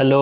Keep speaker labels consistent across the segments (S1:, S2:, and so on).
S1: Hello.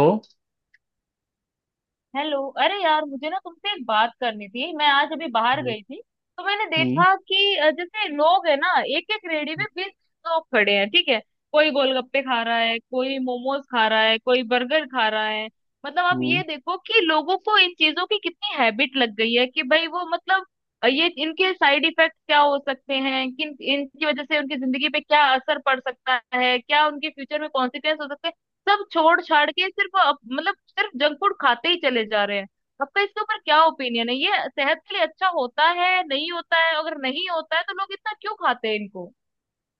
S2: Hello. अरे यार, मुझे ना तुमसे एक बात करनी थी। मैं आज अभी बाहर
S1: हम्म।
S2: गई थी, तो मैंने
S1: हम्म।
S2: देखा कि जैसे लोग है ना, एक एक रेडी में 20 लोग खड़े हैं। ठीक है, कोई गोलगप्पे खा रहा है, कोई मोमोज खा रहा है, कोई बर्गर खा रहा है। मतलब आप
S1: हम्म।
S2: ये देखो कि लोगों को इन चीजों की कितनी हैबिट लग गई है कि भाई वो मतलब ये इनके साइड इफेक्ट क्या हो सकते हैं, किन इनकी वजह से उनकी जिंदगी पे क्या असर पड़ सकता है, क्या उनके फ्यूचर में कॉन्सिक्वेंस हो सकते हैं। सब छोड़ छाड़ के सिर्फ मतलब सिर्फ जंक फूड खाते ही चले जा रहे हैं। आपका इसके ऊपर क्या ओपिनियन है? ये सेहत के लिए अच्छा होता है, नहीं होता है? अगर नहीं होता है तो लोग इतना क्यों खाते हैं इनको?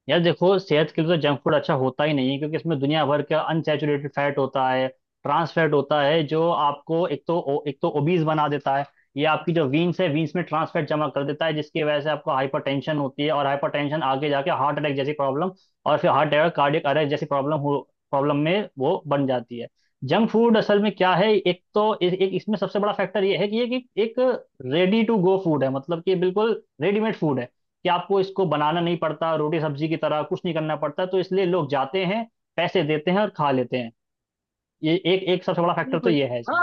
S1: यार देखो, सेहत के लिए तो जंक फूड अच्छा होता ही नहीं है, क्योंकि इसमें दुनिया भर का अनसैचुरेटेड फैट होता है। ट्रांस फैट होता है जो आपको एक तो ओबीज बना देता है। ये आपकी जो वीन्स है, वीन्स में ट्रांस फैट जमा कर देता है, जिसकी वजह से आपको हाइपरटेंशन होती है, और हाइपरटेंशन आगे जाके हार्ट अटैक जैसी प्रॉब्लम, और फिर हार्ट अटैक कार्डियक अरेस्ट जैसी प्रॉब्लम हो, प्रॉब्लम में वो बन जाती है। जंक फूड असल में क्या है, एक तो एक इसमें सबसे बड़ा फैक्टर ये है कि ये कि एक रेडी टू गो फूड है, मतलब कि बिल्कुल रेडीमेड फूड है। कि आपको इसको बनाना नहीं पड़ता, रोटी सब्जी की तरह कुछ नहीं करना पड़ता, तो इसलिए लोग जाते हैं, पैसे देते हैं और खा लेते हैं। ये एक एक सबसे बड़ा फैक्टर तो
S2: बिल्कुल।
S1: ये है इसमें।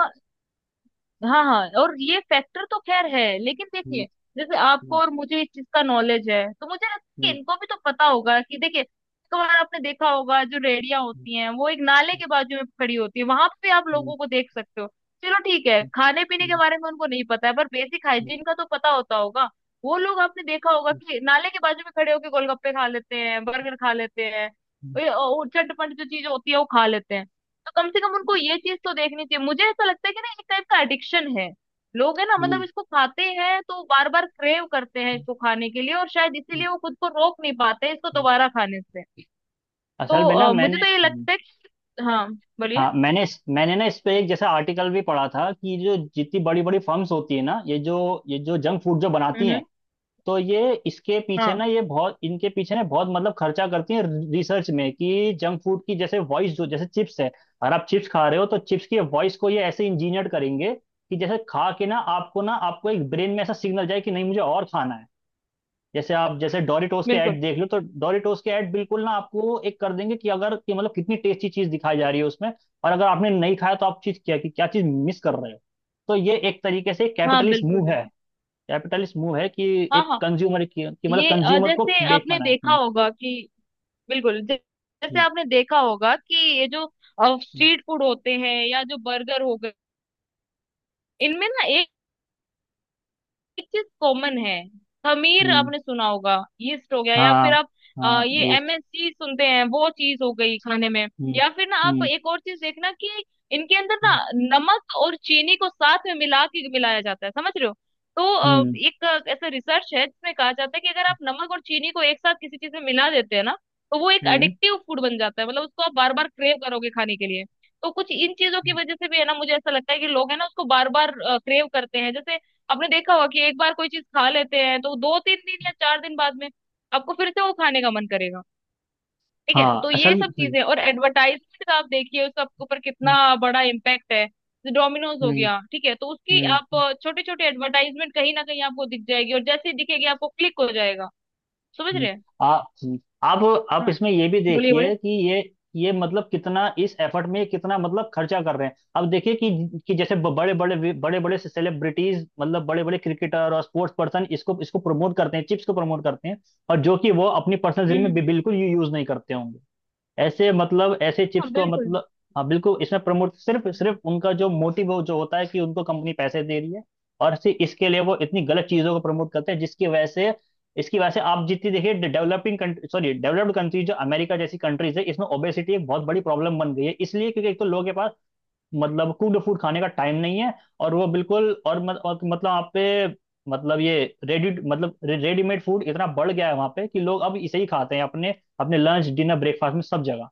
S2: हाँ हाँ, और ये फैक्टर तो खैर है, लेकिन
S1: हम्म,
S2: देखिए जैसे आपको
S1: हम्म,
S2: और मुझे इस चीज का नॉलेज है, तो मुझे लगता है
S1: हम्म,
S2: कि इनको भी तो पता होगा कि देखिए, एक बार आपने देखा होगा जो रेड़ियां होती हैं वो एक नाले के बाजू में खड़ी होती है, वहां पे आप
S1: हम्म,
S2: लोगों को देख सकते हो। चलो ठीक है,
S1: हम्म,
S2: खाने पीने के
S1: हम्म,
S2: बारे में उनको नहीं पता है, पर बेसिक
S1: हम्म,
S2: हाइजीन का तो पता होता होगा। वो लोग आपने देखा होगा कि नाले के बाजू में खड़े होके गोलगप्पे खा लेते हैं, बर्गर खा लेते हैं,
S1: हम्म,
S2: और चटपट जो चीज होती है वो खा लेते हैं। तो कम से कम उनको ये चीज तो देखनी चाहिए। मुझे ऐसा लगता है कि ना एक टाइप का एडिक्शन है, लोग है ना मतलब
S1: हम्म,
S2: इसको खाते हैं तो बार बार क्रेव करते हैं
S1: हम्म,
S2: इसको खाने के लिए, और शायद
S1: हम्म,
S2: इसीलिए वो खुद को रोक नहीं पाते इसको
S1: हम्म।
S2: दोबारा खाने से। तो
S1: असल में ना
S2: मुझे
S1: मैंने
S2: तो ये
S1: हम्म।
S2: लगता है कि हाँ, बोलिए।
S1: हाँ मैंने मैंने ना इस पे एक जैसा आर्टिकल भी पढ़ा था कि जो जितनी बड़ी बड़ी फर्म्स होती है ना, ये जो जंक फूड जो बनाती हैं,
S2: हम्म।
S1: तो ये इसके पीछे
S2: हाँ।
S1: ना, ये बहुत इनके पीछे ना बहुत मतलब खर्चा करती है रिसर्च में। कि जंक फूड की जैसे वॉइस, जो जैसे चिप्स है, अगर आप चिप्स खा रहे हो, तो चिप्स की वॉइस को ये ऐसे इंजीनियर करेंगे कि जैसे खा के ना आपको एक ब्रेन में ऐसा सिग्नल जाए कि नहीं, मुझे और खाना है। जैसे आप जैसे डोरिटोस के
S2: बिल्कुल।
S1: ऐड देख लो, तो डोरिटोस के ऐड बिल्कुल ना आपको एक कर देंगे कि अगर कि मतलब कितनी टेस्टी चीज दिखाई जा रही है उसमें। और अगर आपने नहीं खाया तो आप चीज क्या कि क्या चीज मिस कर रहे हो। तो ये एक तरीके से
S2: हाँ
S1: कैपिटलिस्ट
S2: बिल्कुल।
S1: मूव है।
S2: बिल्कुल
S1: कैपिटलिस्ट मूव है कि
S2: हाँ
S1: एक
S2: हाँ।
S1: कंज्यूमर की, कि मतलब
S2: ये
S1: कंज्यूमर को
S2: जैसे आपने
S1: बेचना है।
S2: देखा
S1: हम्म।
S2: होगा कि बिल्कुल जैसे
S1: हम्म।
S2: आपने देखा होगा कि ये जो स्ट्रीट फूड होते हैं या जो बर्गर हो गए, इनमें ना एक चीज कॉमन है। खमीर
S1: हम्म, हम्म,
S2: आपने सुना होगा, यीस्ट हो गया, या
S1: हाँ।
S2: फिर आप
S1: हाँ
S2: ये
S1: ये
S2: एमएसजी सुनते हैं वो चीज हो गई खाने में,
S1: हम्म।
S2: या फिर ना आप
S1: हम्म।
S2: एक और चीज देखना कि इनके अंदर ना
S1: हम्म।
S2: नमक और चीनी को साथ में मिला के मिलाया जाता है, समझ रहे हो? तो
S1: हम्म।
S2: एक ऐसा रिसर्च है जिसमें कहा जाता है कि अगर आप नमक और चीनी को एक साथ किसी चीज में मिला देते हैं ना, तो वो एक एडिक्टिव फूड बन जाता है। मतलब उसको आप बार बार क्रेव करोगे खाने के लिए। तो कुछ इन चीजों की
S1: हम्म,
S2: वजह से भी है ना, मुझे ऐसा लगता है कि लोग है ना उसको बार बार क्रेव करते हैं। जैसे आपने देखा होगा कि एक बार कोई चीज खा लेते हैं, तो 2-3 दिन या 4 दिन बाद में आपको फिर से वो खाने का मन करेगा। ठीक है,
S1: हाँ
S2: तो ये
S1: असल में
S2: सब
S1: हम्म।
S2: चीजें और एडवर्टाइजमेंट, आप देखिए उसका आपके ऊपर कितना बड़ा इम्पैक्ट है। डोमिनोज हो
S1: हम्म।
S2: गया, ठीक है, तो उसकी आप
S1: हम्म।
S2: छोटे छोटे एडवर्टाइजमेंट कहीं ना कहीं आपको दिख जाएगी, और जैसे ही दिखेगी आपको क्लिक हो जाएगा। समझ
S1: हम्म,
S2: रहे हैं?
S1: आ, हम्म, आप आप
S2: हाँ,
S1: इसमें ये भी
S2: बोलिए बोलिए।
S1: देखिए कि ये मतलब कितना इस एफर्ट में कितना मतलब खर्चा कर रहे हैं। अब देखिए कि जैसे बड़े बड़े बड़े बड़े सेलिब्रिटीज, मतलब बड़े बड़े क्रिकेटर और स्पोर्ट्स पर्सन इसको इसको प्रमोट करते हैं, चिप्स को प्रमोट करते हैं, और जो कि वो अपनी पर्सनल जिंदगी
S2: हम्म
S1: में
S2: हम्म।
S1: भी बिल्कुल यूज नहीं करते होंगे ऐसे, मतलब ऐसे चिप्स
S2: हाँ
S1: को,
S2: बिल्कुल
S1: मतलब हाँ बिल्कुल इसमें प्रमोट सिर्फ सिर्फ उनका जो मोटिव हो, जो होता है कि उनको कंपनी पैसे दे रही है। और सिर्फ इसके लिए वो इतनी गलत चीजों को प्रमोट करते हैं जिसकी वजह से, इसकी वजह से आप जितनी देखिए developing country, sorry developed country, जो अमेरिका जैसी कंट्रीज है, इसमें ओबेसिटी एक बहुत बड़ी प्रॉब्लम बन गई है, इसलिए क्योंकि एक तो लोगों के पास मतलब कुड फूड खाने का टाइम नहीं है। और वो बिल्कुल और, मत, और मतलब आप पे, मतलब ये रेडी, मतलब रेडीमेड फूड इतना बढ़ गया है वहां पे कि लोग अब इसे ही खाते हैं अपने, अपने लंच डिनर ब्रेकफास्ट में सब जगह।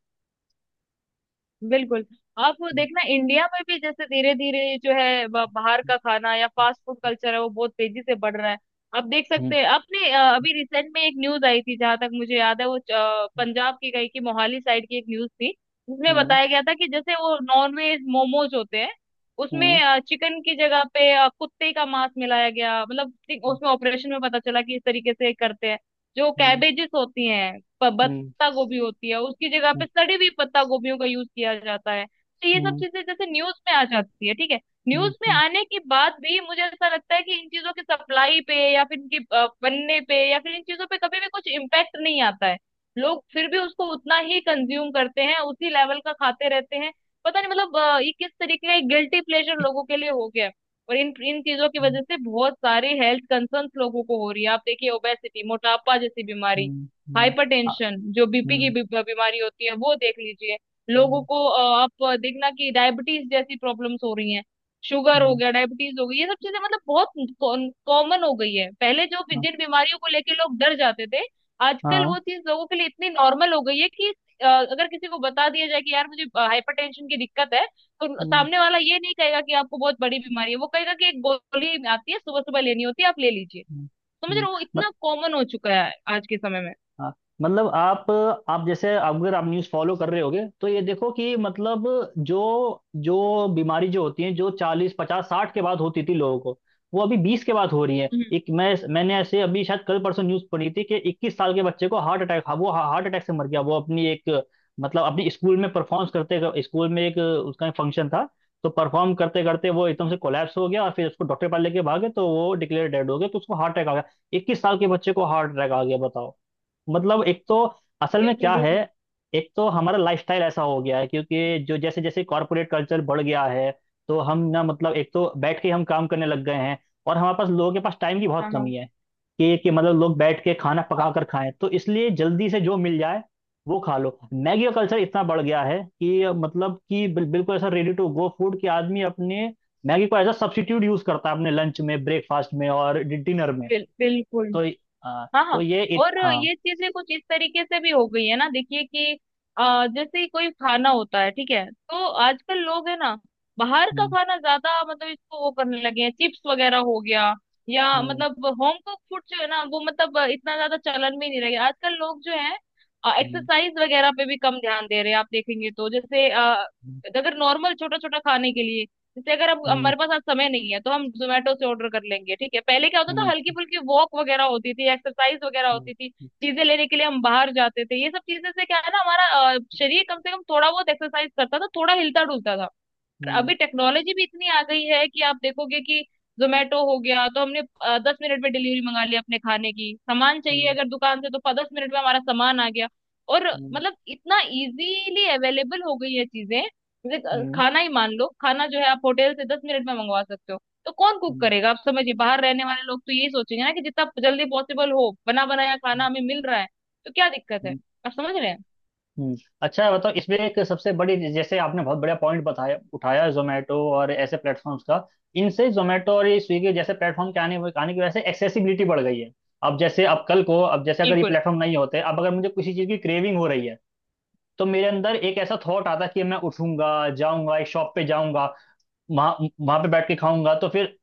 S2: बिल्कुल। आप वो
S1: हम्म,
S2: देखना इंडिया में भी, जैसे धीरे धीरे जो है बाहर का खाना या फास्ट फूड कल्चर है, वो बहुत तेजी से बढ़ रहा है। आप देख
S1: हम्म,
S2: सकते हैं, आपने अभी रिसेंट में एक न्यूज आई थी, जहां तक मुझे याद है वो पंजाब की कहीं की मोहाली साइड की एक न्यूज थी, जिसमें
S1: हम्म,
S2: बताया गया था कि जैसे वो नॉनवेज मोमोज होते हैं
S1: हम्म,
S2: उसमें चिकन की जगह पे कुत्ते का मांस मिलाया गया। मतलब ठीक उसमें ऑपरेशन में पता चला कि इस तरीके से करते हैं। जो
S1: हम्म,
S2: कैबेजेस होती हैं,
S1: हम्म,
S2: पत्ता गोभी होती है, उसकी जगह पे सड़ी हुई पत्ता गोभियों का यूज किया जाता है। तो ये सब
S1: हम्म,
S2: चीजें जैसे न्यूज में आ जाती है, ठीक है,
S1: हम्म,
S2: न्यूज में
S1: हम्म,
S2: आने के बाद भी मुझे ऐसा लगता है कि इन चीजों की सप्लाई पे, या फिर इनके बनने पे, या फिर इन चीजों पे कभी भी कुछ इम्पैक्ट नहीं आता है। लोग फिर भी उसको उतना ही कंज्यूम करते हैं, उसी लेवल का खाते रहते हैं। पता नहीं मतलब ये किस तरीके का एक गिल्टी प्लेजर लोगों के लिए हो गया है। और इन इन चीजों की
S1: हम्म,
S2: वजह से बहुत सारे हेल्थ कंसर्न्स लोगों को हो रही है। आप देखिए ओबेसिटी, मोटापा जैसी बीमारी,
S1: हम्म, हम्म, आ-
S2: हाइपरटेंशन जो बीपी की
S1: हम्म,
S2: बीमारी होती है वो देख लीजिए, लोगों
S1: हम्म,
S2: को आप देखना कि डायबिटीज जैसी प्रॉब्लम्स हो रही हैं। शुगर हो
S1: हम्म,
S2: गया, डायबिटीज हो गई, ये सब चीजें मतलब बहुत कॉमन हो गई है। पहले जो जिन बीमारियों को लेके लोग डर जाते थे, आजकल
S1: हाँ
S2: वो चीज लोगों के लिए इतनी नॉर्मल हो गई है कि अगर किसी को बता दिया जाए कि यार मुझे हाइपरटेंशन की दिक्कत है, तो
S1: हम्म,
S2: सामने वाला ये नहीं कहेगा कि आपको बहुत बड़ी बीमारी है, वो कहेगा कि एक गोली आती है सुबह सुबह लेनी होती है, आप ले लीजिए।
S1: हम्म,
S2: समझ रहे
S1: हम्म।
S2: हो? वो इतना कॉमन हो चुका है आज के समय
S1: हाँ मतलब आप जैसे अगर आप न्यूज़ फॉलो कर रहे होगे, तो ये देखो कि मतलब जो, जो बीमारी, जो होती है, जो 40 50 60 के बाद होती थी लोगों को, वो अभी 20 के बाद हो रही है।
S2: में।
S1: एक मैं, मैंने ऐसे अभी शायद कल परसों न्यूज़ पढ़ी थी कि 21 साल के बच्चे को हार्ट अटैक, वो हार्ट अटैक से मर गया, वो अपनी एक, मतलब अपने स्कूल में परफॉर्म करते, स्कूल में एक उसका फंक्शन था, तो परफॉर्म करते करते वो एकदम से कोलैप्स हो गया, और फिर उसको डॉक्टर पास लेके भागे, तो वो डिक्लेयर डेड हो गया, तो उसको हार्ट अटैक आ गया। 21 साल के बच्चे को हार्ट अटैक आ गया, बताओ। मतलब एक तो, असल में
S2: बिल्कुल
S1: क्या है,
S2: बिल्कुल।
S1: एक तो हमारा लाइफस्टाइल ऐसा हो गया है, क्योंकि जो जैसे जैसे कॉरपोरेट कल्चर बढ़ गया है, तो हम ना मतलब एक तो बैठ के हम काम करने लग गए हैं, और हमारे पास लोगों के पास टाइम की बहुत
S2: हाँ हाँ
S1: कमी है। कि मतलब लोग बैठ के खाना पका
S2: हाँ
S1: कर खाएं, तो इसलिए जल्दी से जो मिल जाए वो खा लो। मैगी का कल्चर इतना बढ़ गया है कि मतलब कि बिल्कुल ऐसा रेडी टू गो फूड कि आदमी अपने मैगी को एज अ सब्स्टिट्यूट यूज करता है अपने लंच में, ब्रेकफास्ट में और डिनर में।
S2: बिल्कुल।
S1: तो अ,
S2: हाँ
S1: तो
S2: हाँ, और
S1: हाँ
S2: ये चीजें कुछ इस तरीके से भी हो गई है ना, देखिए कि जैसे ही कोई खाना होता है, ठीक है, तो आजकल लोग है ना बाहर का
S1: हम्म।
S2: खाना ज्यादा, मतलब इसको वो करने लगे हैं, चिप्स वगैरह हो गया, या
S1: हम्म।
S2: मतलब होम कुक फूड जो है ना वो मतलब इतना ज्यादा चलन में ही नहीं रहे। आजकल लोग जो है
S1: हम्म।
S2: एक्सरसाइज वगैरह पे भी कम ध्यान दे रहे हैं। आप देखेंगे तो जैसे अगर नॉर्मल छोटा छोटा खाने के लिए, जैसे अगर अब
S1: हम्म।
S2: हमारे पास आज समय नहीं है तो हम जोमेटो से ऑर्डर कर लेंगे। ठीक है, पहले क्या होता था, हल्की
S1: हम्म।
S2: फुल्की वॉक वगैरह होती थी, एक्सरसाइज वगैरह
S1: हम्म।
S2: होती थी, चीजें लेने के लिए हम बाहर जाते थे, ये सब चीजें से क्या है ना, हमारा शरीर कम से कम थोड़ा बहुत एक्सरसाइज करता था, थोड़ा हिलता डुलता था।
S1: हम्म।
S2: अभी टेक्नोलॉजी भी इतनी आ गई है कि आप देखोगे कि जोमेटो हो गया, तो हमने 10 मिनट में डिलीवरी मंगा ली, अपने खाने की सामान चाहिए
S1: हम्म।
S2: अगर दुकान से, तो 10 मिनट में हमारा सामान आ गया। और
S1: हम्म।
S2: मतलब इतना इजीली अवेलेबल हो गई है चीजें, जैसे
S1: हम्म।
S2: खाना ही मान लो, खाना जो है आप होटल से 10 मिनट में मंगवा सकते हो। तो कौन कुक
S1: हम्म।
S2: करेगा? आप समझिए, बाहर रहने वाले लोग तो यही सोचेंगे ना कि जितना जल्दी पॉसिबल हो बना बनाया खाना हमें मिल रहा है, तो क्या दिक्कत है?
S1: हम्म,
S2: आप समझ रहे हैं?
S1: हम्म। अच्छा बताओ, इसमें एक सबसे बड़ी, जैसे आपने बहुत बढ़िया पॉइंट बताया, उठाया जोमेटो और ऐसे प्लेटफॉर्म्स का। इनसे, जोमेटो और ये स्विगी जैसे प्लेटफॉर्म के आने आने की वजह से एक्सेसिबिलिटी बढ़ गई है। अब जैसे अब कल को, अब जैसे अगर ये
S2: बिल्कुल।
S1: प्लेटफॉर्म नहीं होते, अब अगर मुझे किसी चीज़ की क्रेविंग हो रही है, तो मेरे अंदर एक ऐसा थॉट आता कि मैं उठूंगा, जाऊंगा, एक शॉप पे जाऊंगा, वहां वहां पे बैठ के खाऊंगा। तो फिर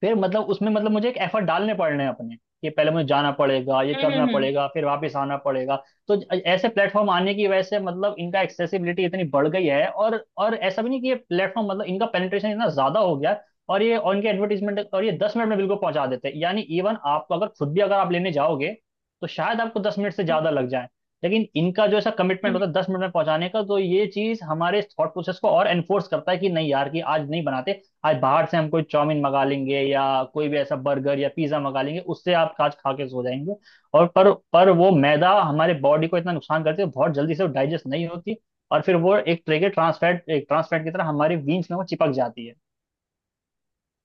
S1: फिर मतलब उसमें, मतलब मुझे एक एफर्ट डालने पड़ रहे हैं अपने, कि पहले मुझे जाना पड़ेगा, ये
S2: हम्म
S1: करना
S2: हम्म
S1: पड़ेगा, फिर वापस आना पड़ेगा। तो ऐसे प्लेटफॉर्म आने की वजह से मतलब इनका एक्सेसिबिलिटी इतनी बढ़ गई है, और ऐसा भी नहीं कि ये प्लेटफॉर्म मतलब इनका पेनिट्रेशन इतना ज्यादा हो गया है, और ये, और इनके एडवर्टीजमेंट, और ये 10 मिनट में बिल्कुल पहुंचा देते हैं, यानी इवन आपको अगर खुद भी अगर आप लेने जाओगे, तो शायद आपको 10 मिनट से ज्यादा लग जाए। लेकिन इनका जो ऐसा कमिटमेंट
S2: हम्म।
S1: होता है 10 मिनट में पहुंचाने का, तो ये चीज हमारे थॉट प्रोसेस को और एनफोर्स करता है कि नहीं यार कि आज नहीं बनाते, आज बाहर से हम कोई चाउमीन मंगा लेंगे, या कोई भी ऐसा बर्गर या पिज्जा मंगा लेंगे, उससे आप आज खा के सो जाएंगे। और पर वो मैदा हमारे बॉडी को इतना नुकसान करती है, बहुत जल्दी से वो डाइजेस्ट नहीं होती। और फिर वो एक तरह के ट्रांसफैट, एक ट्रांसफैट की तरह हमारे वीन्स में वो चिपक जाती है।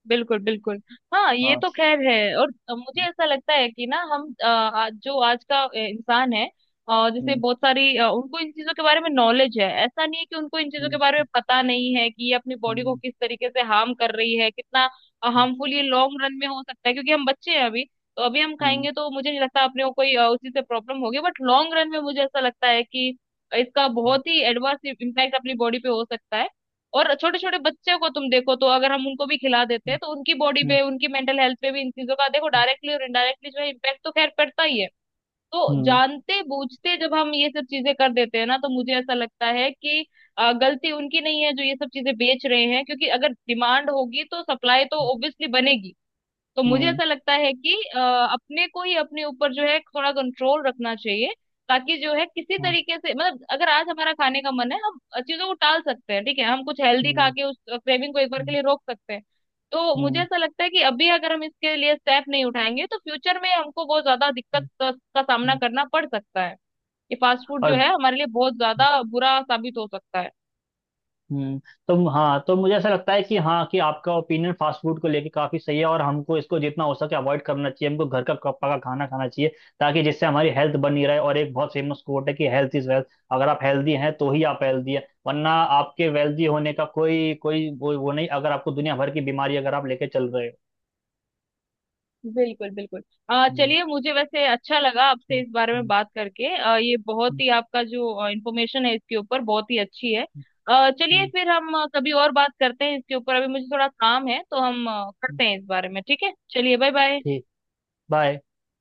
S2: बिल्कुल बिल्कुल। हाँ, ये
S1: हाँ,
S2: तो खैर है, और मुझे ऐसा लगता है कि ना, हम आज जो आज का इंसान है, और जैसे
S1: हम्म,
S2: बहुत सारी उनको इन चीजों के बारे में नॉलेज है, ऐसा नहीं है कि उनको इन चीजों के
S1: हम्म,
S2: बारे में पता नहीं है कि ये अपनी बॉडी को
S1: हम्म,
S2: किस तरीके से हार्म कर रही है, कितना हार्मफुल ये लॉन्ग रन में हो सकता है। क्योंकि हम बच्चे हैं अभी, तो अभी हम
S1: हम्म,
S2: खाएंगे तो मुझे नहीं लगता अपने को कोई उसी से प्रॉब्लम होगी, बट लॉन्ग रन में मुझे ऐसा लगता है कि इसका बहुत ही एडवर्स इम्पैक्ट अपनी बॉडी पे हो सकता है। और छोटे छोटे बच्चे को तुम देखो, तो अगर हम उनको भी खिला देते
S1: हम्म,
S2: हैं तो उनकी बॉडी
S1: हम्म,
S2: पे, उनकी मेंटल हेल्थ पे भी इन चीजों का देखो डायरेक्टली और इनडायरेक्टली जो है इम्पैक्ट तो खैर पड़ता ही है। तो
S1: हम्म,
S2: जानते बूझते जब हम ये सब चीजें कर देते हैं ना, तो मुझे ऐसा लगता है कि गलती उनकी नहीं है जो ये सब चीजें बेच रहे हैं, क्योंकि अगर डिमांड होगी तो सप्लाई तो ऑब्वियसली बनेगी। तो मुझे
S1: हम्म,
S2: ऐसा लगता है कि अपने को ही अपने ऊपर जो है थोड़ा कंट्रोल रखना चाहिए, ताकि जो है किसी
S1: हम्म,
S2: तरीके से, मतलब अगर आज हमारा खाने का मन है, हम चीजों को टाल सकते हैं। ठीक है, हम कुछ हेल्दी खा
S1: हम्म,
S2: के उस क्रेविंग को एक बार
S1: हम्म,
S2: के
S1: हम्म,
S2: लिए रोक सकते हैं। तो
S1: हम्म,
S2: मुझे ऐसा लगता है कि अभी अगर हम इसके लिए स्टेप नहीं उठाएंगे, तो फ्यूचर में हमको बहुत ज्यादा दिक्कत
S1: हम्म,
S2: का
S1: हम्म।
S2: सामना करना पड़ सकता है। ये फास्ट फूड जो
S1: और
S2: है हमारे लिए बहुत ज्यादा बुरा साबित हो सकता है।
S1: हम्म। तो हाँ, तो मुझे ऐसा लगता है कि हाँ कि आपका ओपिनियन फास्ट फूड को लेके काफी सही है, और हमको इसको जितना हो सके अवॉइड करना चाहिए, हमको घर का पका खाना खाना चाहिए, ताकि जिससे हमारी हेल्थ बनी रहे। और एक बहुत फेमस कोट है कि हेल्थ इज वेल्थ। अगर आप हेल्दी हैं, तो ही आप हेल्दी है, वरना आपके वेल्दी होने का कोई कोई वो नहीं, अगर आपको दुनिया भर की बीमारी अगर आप लेके चल रहे हो।
S2: बिल्कुल बिल्कुल। आ
S1: हम्म,
S2: चलिए, मुझे वैसे अच्छा लगा आपसे
S1: हम्म,
S2: इस बारे में
S1: हम्म,
S2: बात करके। ये बहुत
S1: हम्म,
S2: ही आपका जो इंफॉर्मेशन है इसके ऊपर, बहुत ही अच्छी है। चलिए
S1: हम्म,
S2: फिर हम कभी और बात करते हैं इसके ऊपर, अभी मुझे थोड़ा काम है तो हम
S1: हम्म,
S2: करते हैं इस बारे में, ठीक है? चलिए बाय बाय।
S1: ठीक। बाय।